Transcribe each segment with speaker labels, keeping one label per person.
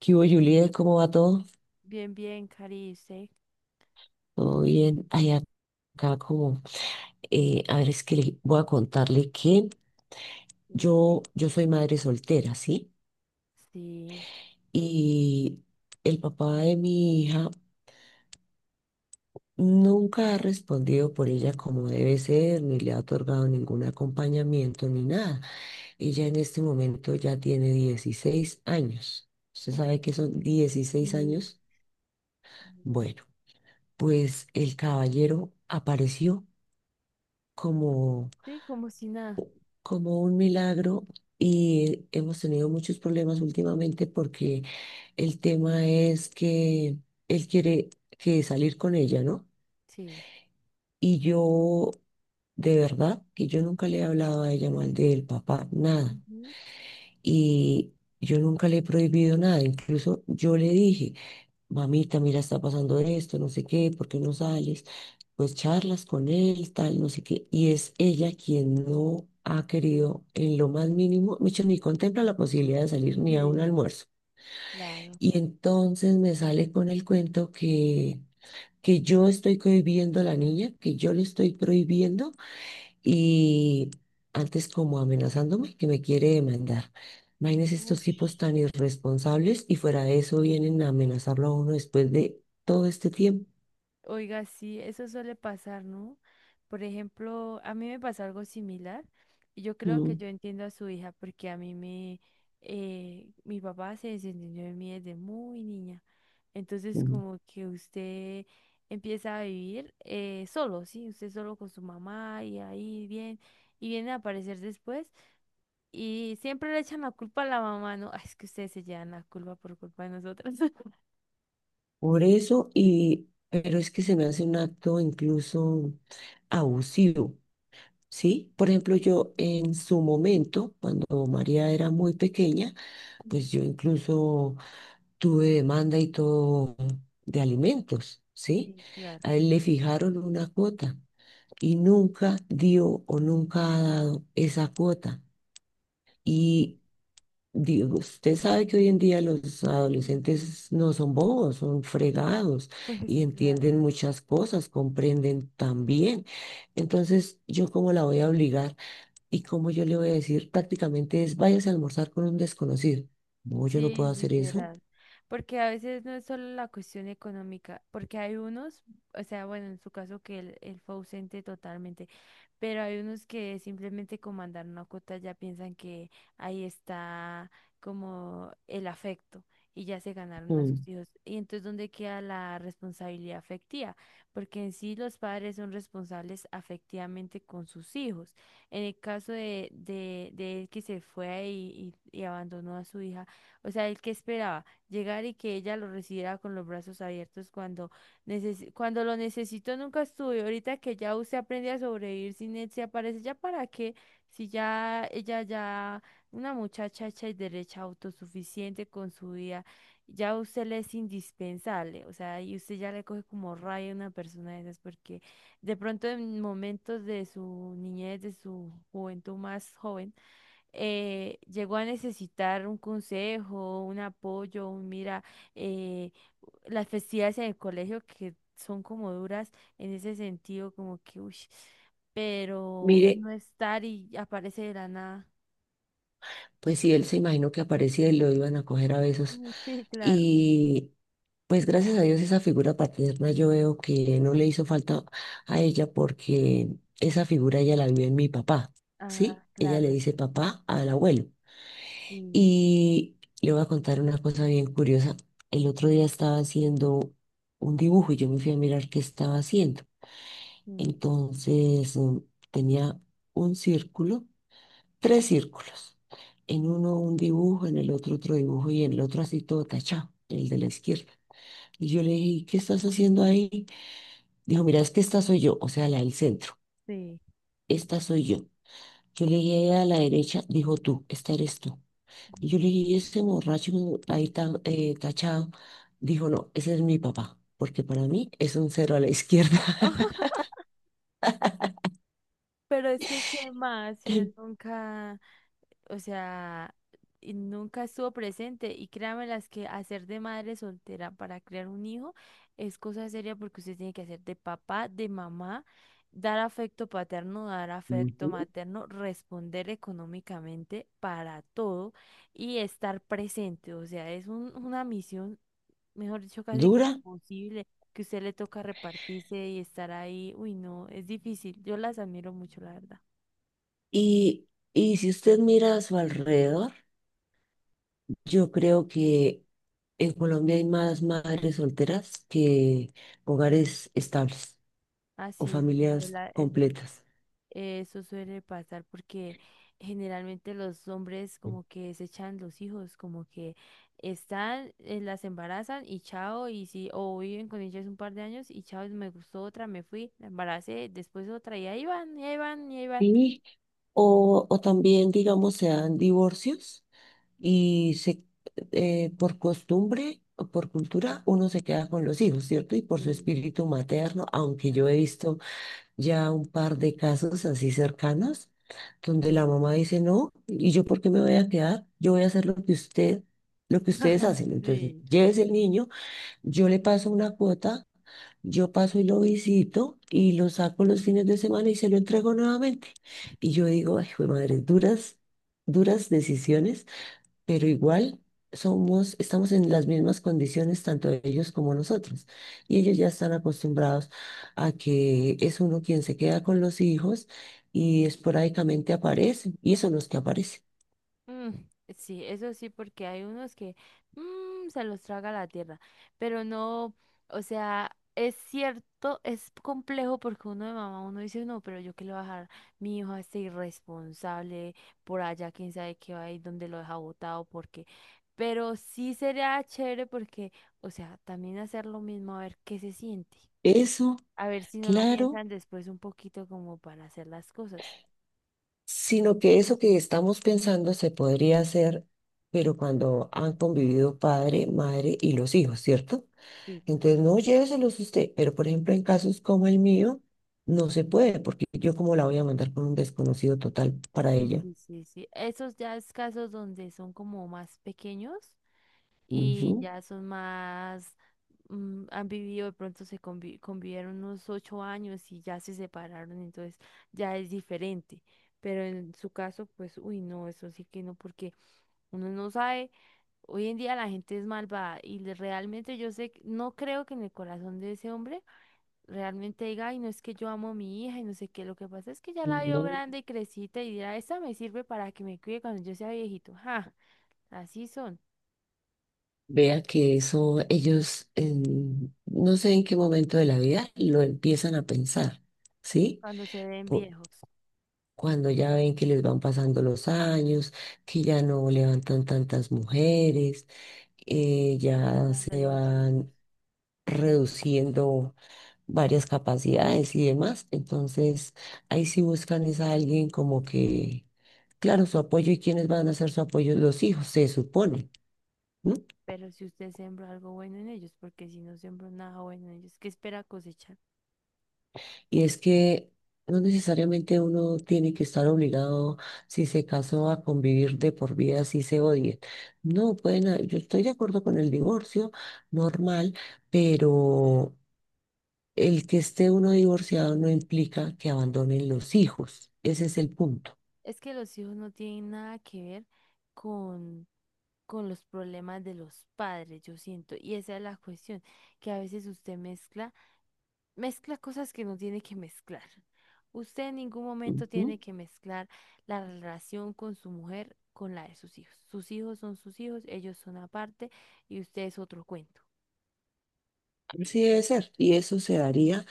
Speaker 1: ¿Qué hubo, Juliet? ¿Cómo va todo?
Speaker 2: Bien, bien, Cari, ¿usted?
Speaker 1: ¿Todo bien? Ay, acá como, a ver, es que le voy a contarle que
Speaker 2: Sí,
Speaker 1: yo soy madre soltera, ¿sí?
Speaker 2: sí.
Speaker 1: Y el papá de mi hija nunca ha respondido por ella como debe ser, ni le ha otorgado ningún acompañamiento, ni nada. Ella en este momento ya tiene 16 años. ¿Usted
Speaker 2: Uf,
Speaker 1: sabe que son dieciséis
Speaker 2: sí,
Speaker 1: años?
Speaker 2: Dios.
Speaker 1: Bueno, pues el caballero apareció como
Speaker 2: Sí, como si nada.
Speaker 1: como un milagro y hemos tenido muchos problemas últimamente porque el tema es que él quiere que salir con ella, ¿no?
Speaker 2: Sí.
Speaker 1: Y yo, de verdad, que yo nunca le he hablado a ella mal del papá, nada.
Speaker 2: Ujú,
Speaker 1: Y yo nunca le he prohibido nada. Incluso yo le dije mamita, mira, está pasando esto, no sé qué, ¿por qué no sales? Pues charlas con él, tal, no sé qué. Y es ella quien no ha querido en lo más mínimo, mucho ni contempla la posibilidad de salir ni a un
Speaker 2: sí,
Speaker 1: almuerzo.
Speaker 2: claro.
Speaker 1: Y entonces me sale con el cuento que yo estoy cohibiendo a la niña, que yo le estoy prohibiendo y antes como amenazándome que me quiere demandar. Imagínense estos tipos
Speaker 2: Ush.
Speaker 1: tan irresponsables y fuera de eso vienen a amenazarlo a uno después de todo este tiempo.
Speaker 2: Oiga, sí, eso suele pasar, ¿no? Por ejemplo, a mí me pasó algo similar y yo creo que
Speaker 1: Mm,
Speaker 2: yo entiendo a su hija porque mi papá se desentendió de mí desde muy niña. Entonces,
Speaker 1: mm.
Speaker 2: como que usted empieza a vivir solo, ¿sí? Usted solo con su mamá y ahí bien, y viene a aparecer después y siempre le echan la culpa a la mamá, ¿no? Ay, es que ustedes se llevan la culpa por culpa de nosotras.
Speaker 1: Por eso, y, pero es que se me hace un acto incluso abusivo, ¿sí? Por ejemplo,
Speaker 2: Sí,
Speaker 1: yo en su momento, cuando María era muy pequeña, pues yo incluso tuve demanda y todo de alimentos, ¿sí?
Speaker 2: sí, claro.
Speaker 1: A él le fijaron una cuota y nunca dio o nunca ha dado esa cuota. Y digo, usted sabe que hoy en día los
Speaker 2: Mm,
Speaker 1: adolescentes no son bobos, son fregados
Speaker 2: pues
Speaker 1: y
Speaker 2: claro.
Speaker 1: entienden muchas cosas, comprenden también. Entonces, ¿yo cómo la voy a obligar y cómo yo le voy a decir prácticamente es váyase a almorzar con un desconocido? No, yo no
Speaker 2: Sí,
Speaker 1: puedo hacer eso.
Speaker 2: literal. Porque a veces no es solo la cuestión económica, porque hay unos, o sea, bueno, en su caso que él fue ausente totalmente, pero hay unos que simplemente con mandar una cuota ya piensan que ahí está como el afecto y ya se ganaron a
Speaker 1: Mm.
Speaker 2: sus hijos. Y entonces, ¿dónde queda la responsabilidad afectiva? Porque en sí los padres son responsables afectivamente con sus hijos. En el caso de él que se fue y abandonó a su hija. O sea, él que esperaba llegar y que ella lo recibiera con los brazos abiertos cuando, cuando lo necesitó nunca estuvo. Y ahorita que ya usted aprende a sobrevivir sin él, se aparece ya para qué, si ya ella ya, una muchacha hecha y derecha, autosuficiente con su vida, ya usted le es indispensable. O sea, y usted ya le coge como raya a una persona de esas porque de pronto en momentos de su niñez, de su juventud más joven, llegó a necesitar un consejo, un apoyo, un mira, eh, las festividades en el colegio que son como duras en ese sentido, como que, uy, pero
Speaker 1: Mire,
Speaker 2: no estar y aparece de la nada.
Speaker 1: pues si él se imaginó que aparecía y lo iban a coger a besos.
Speaker 2: Mm, sí, claro.
Speaker 1: Y pues gracias a Dios esa figura paterna yo veo que no le hizo falta a ella porque esa figura ella la vio en mi papá,
Speaker 2: Ah,
Speaker 1: ¿sí? Ella le
Speaker 2: claro,
Speaker 1: dice
Speaker 2: sí.
Speaker 1: papá al abuelo.
Speaker 2: Sí,
Speaker 1: Y le voy a contar una cosa bien curiosa. El otro día estaba haciendo un dibujo y yo me fui a mirar qué estaba haciendo.
Speaker 2: sí,
Speaker 1: Entonces tenía un círculo, tres círculos. En uno un dibujo, en el otro otro dibujo y en el otro así todo tachado, el de la izquierda. Y yo le dije, ¿qué estás haciendo ahí? Dijo, mira, es que esta soy yo, o sea, la del centro,
Speaker 2: sí.
Speaker 1: esta soy yo. Yo le dije a la derecha, dijo tú, esta eres tú. Y yo le dije, "¿Y ese borracho ahí tan tachado? Dijo, no, ese es mi papá, porque para mí es un cero a la izquierda.
Speaker 2: Pero es que, ¿qué más? Si él nunca, o sea, y nunca estuvo presente. Y créanme las que hacer de madre soltera para crear un hijo es cosa seria porque usted tiene que hacer de papá, de mamá, dar afecto paterno, dar afecto
Speaker 1: Ujú.
Speaker 2: materno, responder económicamente para todo y estar presente. O sea, es una misión, mejor dicho, casi que
Speaker 1: Dura.
Speaker 2: imposible, que usted le toca repartirse y estar ahí, uy, no, es difícil. Yo las admiro mucho, la verdad.
Speaker 1: Y, y si usted mira a su alrededor, yo creo que en Colombia hay más madres solteras que hogares estables o
Speaker 2: Así es,
Speaker 1: familias
Speaker 2: doctora, eso
Speaker 1: completas.
Speaker 2: Eso Suele pasar porque generalmente los hombres como que desechan los hijos, como que están, las embarazan y chao, y si, o viven con ellas un par de años y chao, me gustó otra, me fui, la embaracé, después otra, y ahí van, y ahí van, y ahí van.
Speaker 1: Sí, o también, digamos, se dan divorcios y se, por costumbre o por cultura uno se queda con los hijos, ¿cierto? Y por su
Speaker 2: Sí,
Speaker 1: espíritu materno, aunque
Speaker 2: claro.
Speaker 1: yo he visto ya un par de casos así cercanos, donde la mamá dice, no, ¿y yo por qué me voy a quedar? Yo voy a hacer lo que usted, lo que ustedes hacen. Entonces,
Speaker 2: Sí.
Speaker 1: llévese el niño, yo le paso una cuota, yo paso y lo visito y lo saco los fines de semana y se lo entrego nuevamente. Y yo digo, ay, jue madre, duras, duras decisiones, pero igual somos, estamos en las mismas condiciones, tanto ellos como nosotros. Y ellos ya están acostumbrados a que es uno quien se queda con los hijos y esporádicamente aparecen, y son los que aparecen.
Speaker 2: Mm, sí, eso sí, porque hay unos que se los traga la tierra, pero no, o sea, es cierto, es complejo porque uno de mamá, uno dice, no, pero yo qué le voy a dejar mi hijo a este irresponsable por allá, quién sabe qué va a ir, dónde lo deja botado, porque, pero sí sería chévere porque, o sea, también hacer lo mismo, a ver qué se siente,
Speaker 1: Eso,
Speaker 2: a ver si no lo
Speaker 1: claro,
Speaker 2: piensan después un poquito como para hacer las cosas.
Speaker 1: sino que eso que estamos pensando se podría hacer, pero cuando han convivido padre, madre y los hijos, ¿cierto?
Speaker 2: Sí, claro.
Speaker 1: Entonces, no lléveselos usted, pero por ejemplo, en casos como el mío, no se puede, porque yo cómo la voy a mandar con un desconocido total para
Speaker 2: Sí,
Speaker 1: ella.
Speaker 2: sí, sí, sí. Esos ya es casos donde son como más pequeños y
Speaker 1: Ujú.
Speaker 2: ya son más, han vivido, de pronto convivieron unos 8 años y ya se separaron, entonces ya es diferente. Pero en su caso, pues, uy, no, eso sí que no, porque uno no sabe, hoy en día la gente es malvada y realmente yo sé, no creo que en el corazón de ese hombre realmente diga, ay, no es que yo amo a mi hija y no sé qué, lo que pasa es que ya la veo
Speaker 1: No,
Speaker 2: grande y crecita y dirá, esa me sirve para que me cuide cuando yo sea viejito. Ja, así son
Speaker 1: vea que eso ellos en- no sé en qué momento de la vida lo empiezan a pensar, ¿sí?
Speaker 2: cuando se ven
Speaker 1: Po-
Speaker 2: viejos,
Speaker 1: cuando ya ven que les van pasando los años, que ya no levantan tantas mujeres,
Speaker 2: las
Speaker 1: ya
Speaker 2: cosas de
Speaker 1: se
Speaker 2: los hijos.
Speaker 1: van reduciendo varias capacidades y demás. Entonces, ahí sí buscan es a alguien como que, claro, su apoyo y quiénes van a ser su apoyo, los hijos, se supone, ¿no?
Speaker 2: Pero si usted sembró algo bueno en ellos, porque si no sembró nada bueno en ellos, ¿qué espera cosechar?
Speaker 1: Y es que no necesariamente uno tiene que estar obligado, si se casó, a convivir de por vida, si se odien. No, pueden, ha- yo estoy de acuerdo con el divorcio normal, pero el que esté uno divorciado no implica que abandonen los hijos. Ese es el punto.
Speaker 2: Es que los hijos no tienen nada que ver con, con los problemas de los padres, yo siento. Y esa es la cuestión, que a veces usted mezcla cosas que no tiene que mezclar. Usted en ningún momento
Speaker 1: Ujú.
Speaker 2: tiene que mezclar la relación con su mujer con la de sus hijos. Sus hijos son sus hijos, ellos son aparte y usted es otro cuento.
Speaker 1: Así debe ser. Y eso se daría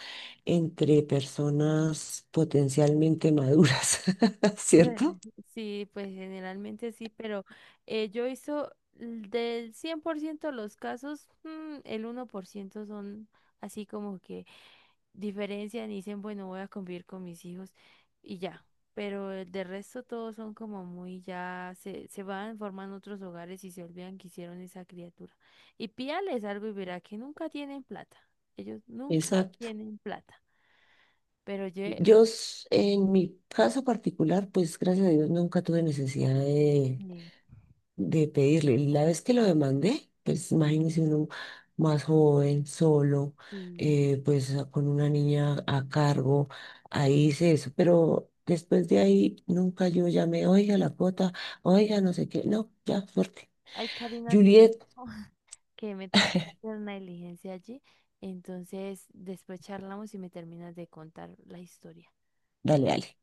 Speaker 1: entre personas potencialmente maduras, ¿cierto?
Speaker 2: Ujú. Sí, pues generalmente sí, pero yo hizo del 100% los casos, el 1% son así como que diferencian y dicen, bueno, voy a convivir con mis hijos y ya. Pero de resto todos son como muy ya, se van, forman otros hogares y se olvidan que hicieron esa criatura. Y pídales algo y verá que nunca tienen plata. Ellos nunca
Speaker 1: Exacto.
Speaker 2: tienen plata. Pero yo,
Speaker 1: Yo s- en mi caso particular, pues gracias a Dios nunca tuve necesidad
Speaker 2: sí,
Speaker 1: de pedirlo. Y la vez que lo demandé, pues imagínese uno más joven, solo,
Speaker 2: sí.
Speaker 1: pues a- con una niña a cargo, ahí hice eso. Pero después de ahí nunca yo llamé, oiga la cuota, oiga no sé qué, no, ya, fuerte.
Speaker 2: Ay, Karina, te
Speaker 1: Juliet,
Speaker 2: dejo, que me toca hacer una diligencia allí. Entonces, después charlamos y me terminas de contar la historia.
Speaker 1: dale, dale.